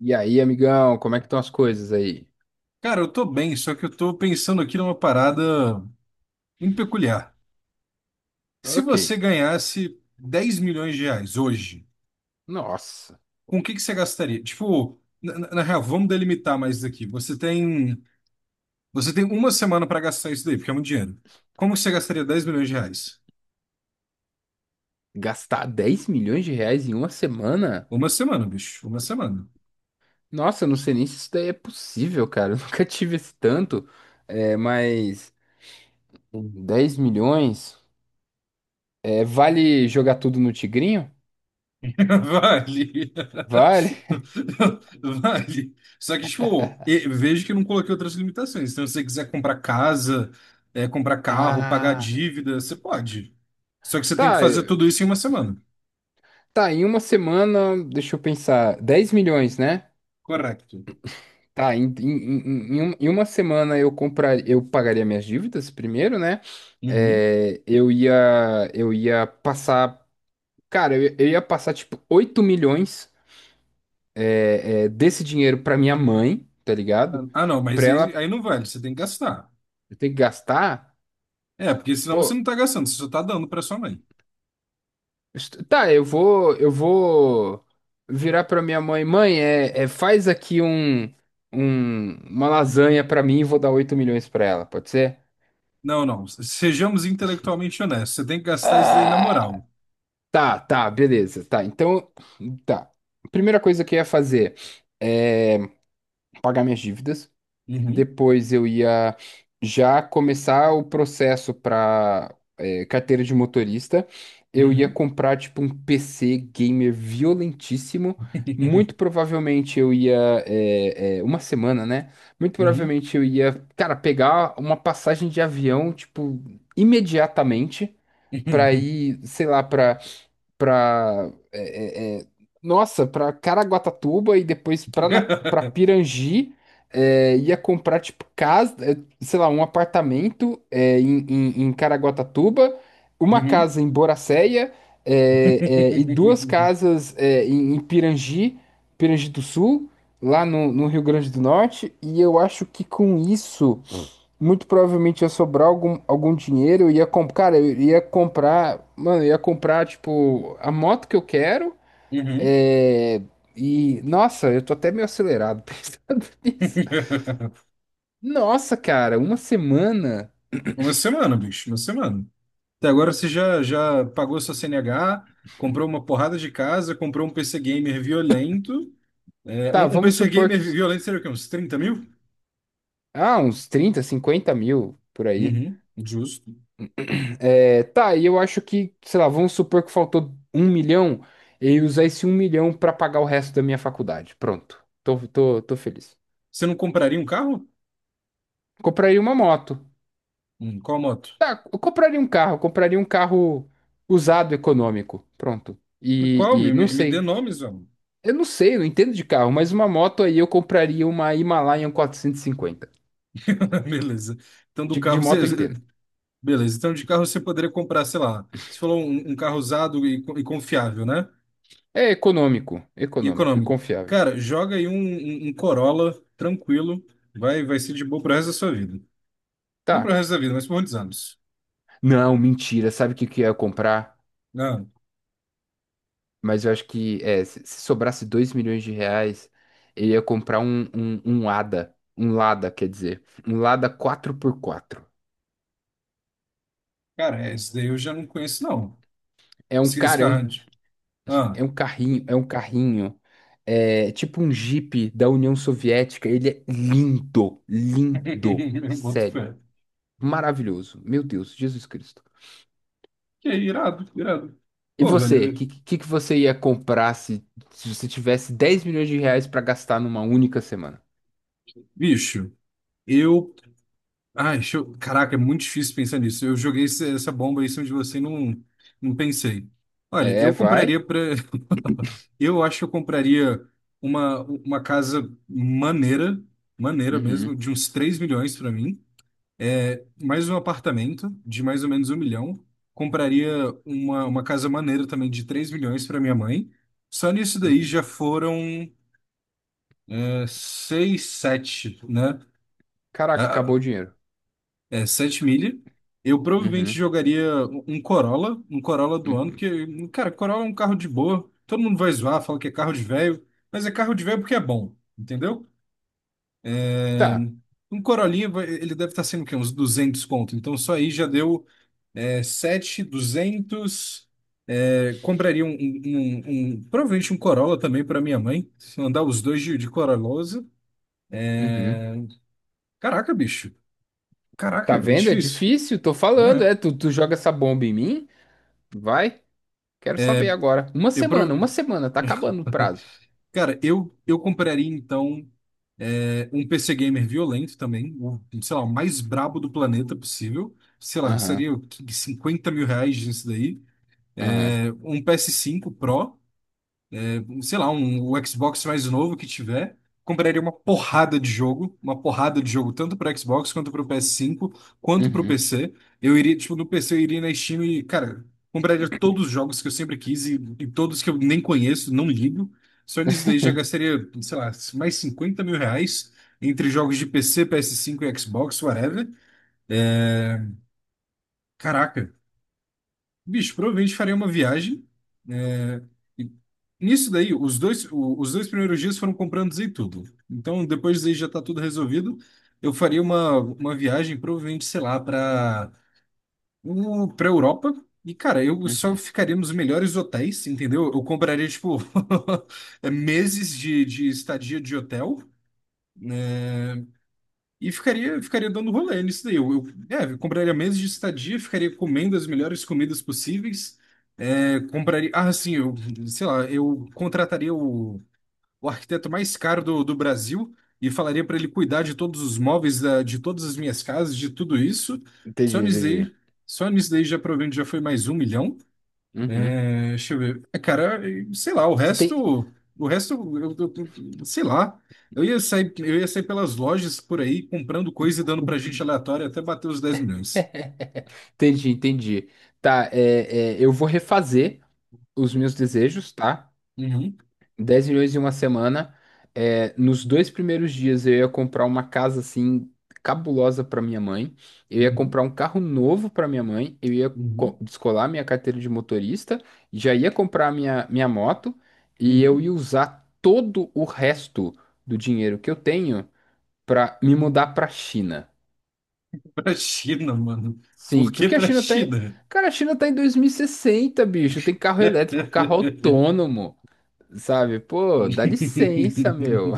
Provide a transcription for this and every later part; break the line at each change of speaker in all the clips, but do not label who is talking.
E aí, amigão, como é que estão as coisas aí?
Cara, eu tô bem, só que eu tô pensando aqui numa parada muito peculiar. Se
Ok.
você ganhasse 10 milhões de reais hoje,
Nossa,
com o que que você gastaria? Tipo, na real, vamos delimitar mais isso daqui. Você tem uma semana pra gastar isso daí, porque é muito dinheiro. Como você gastaria 10 milhões de reais?
gastar 10 milhões de reais em uma semana?
Uma semana, bicho, uma semana.
Nossa, eu não sei nem se isso daí é possível, cara. Eu nunca tive esse tanto. É, mas 10 milhões? É, vale jogar tudo no Tigrinho?
Vale.
Vale?
Vale. Só que, tipo, vejo que eu não coloquei outras limitações. Então, se você quiser comprar casa, é, comprar carro, pagar
Ah,
dívida, você pode. Só que você tem que
tá.
fazer tudo isso em uma semana.
Tá, em uma semana, deixa eu pensar. 10 milhões, né?
Correto.
Tá, em uma semana eu comprar, eu pagaria minhas dívidas primeiro, né?
Uhum.
É, eu ia, eu ia passar, Cara, eu ia passar tipo 8 milhões desse dinheiro pra minha mãe, tá ligado?
Ah, não, mas
Pra ela
aí não vale, você tem que gastar.
ter que gastar,
É, porque senão você não
pô,
tá gastando, você só tá dando pra sua mãe.
tá, eu vou virar pra minha mãe, mãe, faz aqui uma lasanha pra mim e vou dar 8 milhões pra ela, pode ser?
Não, não, sejamos intelectualmente honestos, você tem que gastar isso daí na
Ah!
moral.
Tá, tá, beleza. Tá, então, tá. Primeira coisa que eu ia fazer é pagar minhas dívidas.
Uhum.
Depois eu ia já começar o processo para carteira de motorista. Eu ia
Uhum.
comprar, tipo, um PC gamer violentíssimo. Muito provavelmente eu ia. É, é, Uma semana, né? Muito
Uhum.
provavelmente eu ia, cara, pegar uma passagem de avião, tipo, imediatamente. Pra ir, sei lá, pra para é, é, é, nossa, para Caraguatatuba e depois para Pirangi, é, ia comprar tipo casa, é, sei lá, um apartamento é, em Caraguatatuba, uma
Uhum.
casa em Boracéia, é, e duas
Uhum.
casas é, em Pirangi, Pirangi do Sul, lá no Rio Grande do Norte, e eu acho que com isso muito provavelmente ia sobrar algum dinheiro, eu ia comprar, tipo, a moto que eu quero,
Uhum.
é... E, nossa, eu tô até meio acelerado pensando nisso. Nossa, cara, uma semana,
Uma semana, bicho, uma semana. Até agora você já pagou sua CNH, comprou uma porrada de casa, comprou um PC gamer violento. É,
tá,
um
vamos
PC
supor
gamer
que,
violento seria o quê? Uns 30 mil?
ah, uns 30 50 mil, por aí.
Uhum, justo.
É, tá, e eu acho que, sei lá, vamos supor que faltou um milhão, eu ia usar esse um milhão pra pagar o resto da minha faculdade, pronto, tô feliz.
Você não compraria um carro?
Compraria uma moto.
Qual moto?
Tá, eu compraria um carro usado econômico. Pronto.
Qual?
E,
Me,
e não
me, me dê
sei.
nomes, vamos.
Eu não sei, eu não entendo de carro, mas uma moto aí eu compraria uma Himalayan quatrocentos e cinquenta.
Beleza. Então, do
De
carro você.
moto eu
você-
entendo.
Beleza. Então, de carro você poderia comprar, sei lá. Você falou um carro usado e, e confiável, né?
É econômico,
E
econômico e
econômico.
confiável.
Cara, joga aí um Corolla tranquilo, vai ser de boa pro resto da sua vida. Não pro
Tá.
resto da vida, mas por muitos anos.
Não, mentira. Sabe o que que eu ia comprar?
Não,
Mas eu acho que é, se sobrasse 2 milhões de reais, eu ia comprar um Lada. Um Lada, quer dizer. Um Lada quatro por quatro.
cara, esse daí eu já não conheço, não. Esse
É um...
carrão de- Ah,
É um carrinho, é um carrinho. É tipo um Jeep da União Soviética. Ele é lindo, lindo.
boto
Sério.
fé.
Maravilhoso. Meu Deus, Jesus Cristo.
Que é irado, irado.
E
Pô, velho,
você,
eu-
que você ia comprar se, se você tivesse 10 milhões de reais pra gastar numa única semana?
bicho, eu Ai, show. Caraca, é muito difícil pensar nisso. Eu joguei essa bomba aí em cima de você e não pensei. Olha,
É,
eu
vai.
compraria para. Eu acho que eu compraria uma casa maneira, maneira mesmo,
Uhum,
de uns 3 milhões para mim. É, mais um apartamento de mais ou menos um milhão. Compraria uma casa maneira também de 3 milhões para minha mãe. Só nisso daí já
uhum.
foram é, 6, 7, né?
Caraca,
Ah,
acabou o dinheiro.
é, 7 milha. Eu provavelmente
Uhum,
jogaria um Corolla, um Corolla do ano,
uhum.
porque, cara, Corolla é um carro de boa. Todo mundo vai zoar, fala que é carro de velho, mas é carro de velho porque é bom, entendeu? É,
Tá.
um Corolinha, ele deve estar sendo o quê? Uns 200 conto. Então, só aí já deu é, 7, 200. É, compraria provavelmente um Corolla também para minha mãe. Se andar os dois de Corollosa.
Uhum.
Caraca, bicho. Caraca,
Tá
é
vendo? É
difícil.
difícil, tô falando.
Né?
É, tu joga essa bomba em mim? Vai. Quero saber agora.
Eu,
Uma semana, tá acabando o prazo.
Cara, eu compraria então é, um PC gamer violento também, o, sei lá, o mais brabo do planeta possível. Sei lá,
Aham,
seria 50 mil reais nisso daí.
aham,
É, um ps cinco Pro, sei lá, um, o Xbox mais novo que tiver, compraria uma porrada de jogo, uma porrada de jogo, tanto para Xbox quanto para o PS5, quanto para o
uhum,
PC. Eu iria, tipo, no PC eu iria na Steam e, cara, compraria todos os jogos que eu sempre quis e todos que eu nem conheço, não ligo. Só nisso daí já gastaria, sei lá, mais 50 mil reais entre jogos de PC, PS5 e Xbox, whatever. É, caraca, bicho, provavelmente farei uma viagem. É, e nisso daí, os dois, os dois primeiros dias foram comprando e tudo. Então, depois daí já tá tudo resolvido. Eu faria uma viagem, provavelmente, sei lá, para Europa. E, cara, eu só
uhum.
ficaria nos melhores hotéis, entendeu? Eu compraria, tipo, meses de estadia de hotel. Né? E ficaria dando rolê nisso daí. É, eu compraria meses de estadia, ficaria comendo as melhores comidas possíveis. É, compraria. Ah, sim, eu, sei lá, eu contrataria o arquiteto mais caro do Brasil e falaria para ele cuidar de todos os móveis, de todas as minhas casas, de tudo isso. Só
Entendi,
nisso daí,
entendi.
só nisso daí já provavelmente já foi mais um milhão.
Uhum.
É, deixa eu ver. É, cara, sei lá,
Você tem.
o resto, sei lá. Eu ia sair pelas lojas por aí comprando coisa e dando pra gente aleatória até bater os 10 milhões.
Entendi, entendi. Eu vou refazer os meus desejos, tá?
Uhum,
Dez milhões em uma semana. É, nos dois primeiros dias eu ia comprar uma casa assim cabulosa para minha mãe. Eu ia
uhum,
comprar um carro novo para minha mãe.
uhum,
Descolar minha carteira de motorista. Já ia comprar minha moto. E eu
uhum.
ia usar todo o resto do dinheiro que eu tenho para me mudar para China.
Pra China, mano. Por
Sim,
que
porque a
pra
China tá. em-
China?
cara, a China tá em 2060, bicho. Tem carro elétrico, carro autônomo, sabe? Pô, dá licença, meu.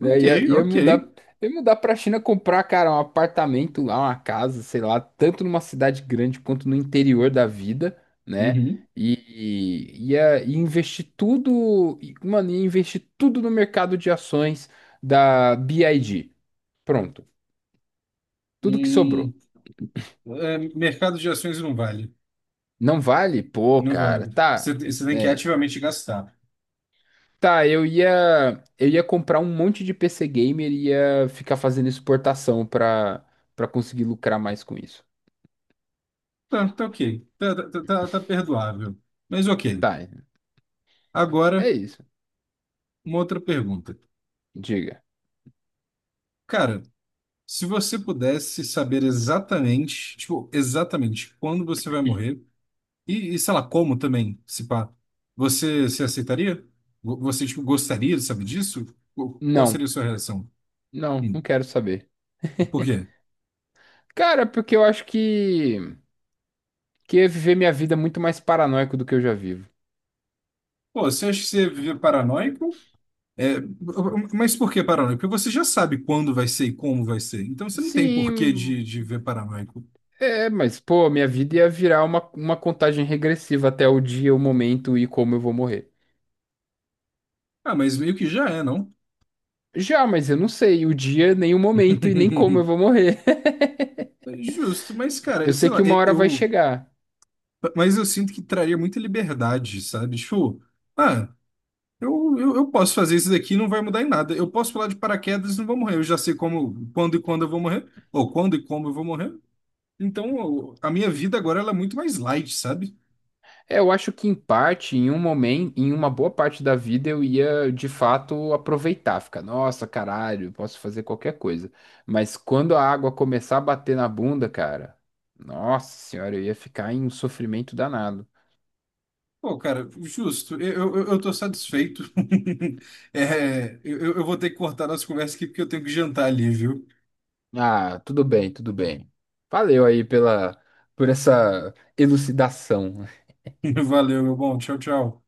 É,
Ok,
ia, ia
ok.
mudar, ia mudar pra China comprar, cara, um apartamento lá, uma casa, sei lá, tanto numa cidade grande quanto no interior da vida, né?
Uhum.
E, ia investir tudo, e, mano, ia investir tudo no mercado de ações da BID. Pronto, tudo que
Hum,
sobrou.
é, mercado de ações não vale.
Não vale? Pô,
Não
cara,
vale.
tá,
Você tem que
né?
ativamente gastar.
Tá, eu ia comprar um monte de PC Gamer e ia ficar fazendo exportação pra, pra conseguir lucrar mais com isso.
Tá, tá ok. Tá perdoável. Mas ok.
Tá,
Agora,
é isso.
uma outra pergunta.
Diga.
Cara, se você pudesse saber exatamente, tipo, exatamente quando você vai morrer, e sei lá, como também, se pá, você se aceitaria? Você, tipo, gostaria, sabe disso? Qual seria
Não,
a sua reação?
não
Hum,
quero saber.
Por quê?
Cara, porque eu acho que eu ia viver minha vida muito mais paranoico do que eu já vivo.
Pô, você acha que você vive paranoico? É, mas por que paranoico? Porque você já sabe quando vai ser e como vai ser. Então você não tem porquê
Sim,
de viver paranoico.
é, mas pô, minha vida ia virar uma contagem regressiva até o dia, o momento e como eu vou morrer.
Ah, mas meio que já é, não?
Já, mas eu não sei o dia, nem o momento e nem como eu vou morrer.
Justo, mas cara,
Eu sei
sei lá,
que uma
e-
hora vai
eu.
chegar.
Mas eu sinto que traria muita liberdade, sabe? Tipo, ah, eu posso fazer isso daqui, não vai mudar em nada. Eu posso pular de paraquedas, não vou morrer. Eu já sei como, quando e quando eu vou morrer, ou quando e como eu vou morrer. Então, a minha vida agora ela é muito mais light, sabe?
É, eu acho que em parte, em um momento, em uma boa parte da vida eu ia de fato aproveitar, ficar, nossa, caralho, posso fazer qualquer coisa. Mas quando a água começar a bater na bunda, cara, nossa senhora, eu ia ficar em um sofrimento danado.
Pô, cara, justo, eu tô satisfeito. É, eu vou ter que cortar nossa conversa aqui porque eu tenho que jantar ali, viu?
Ah, tudo bem, tudo bem. Valeu aí pela, por essa elucidação.
Valeu, meu bom. Tchau, tchau.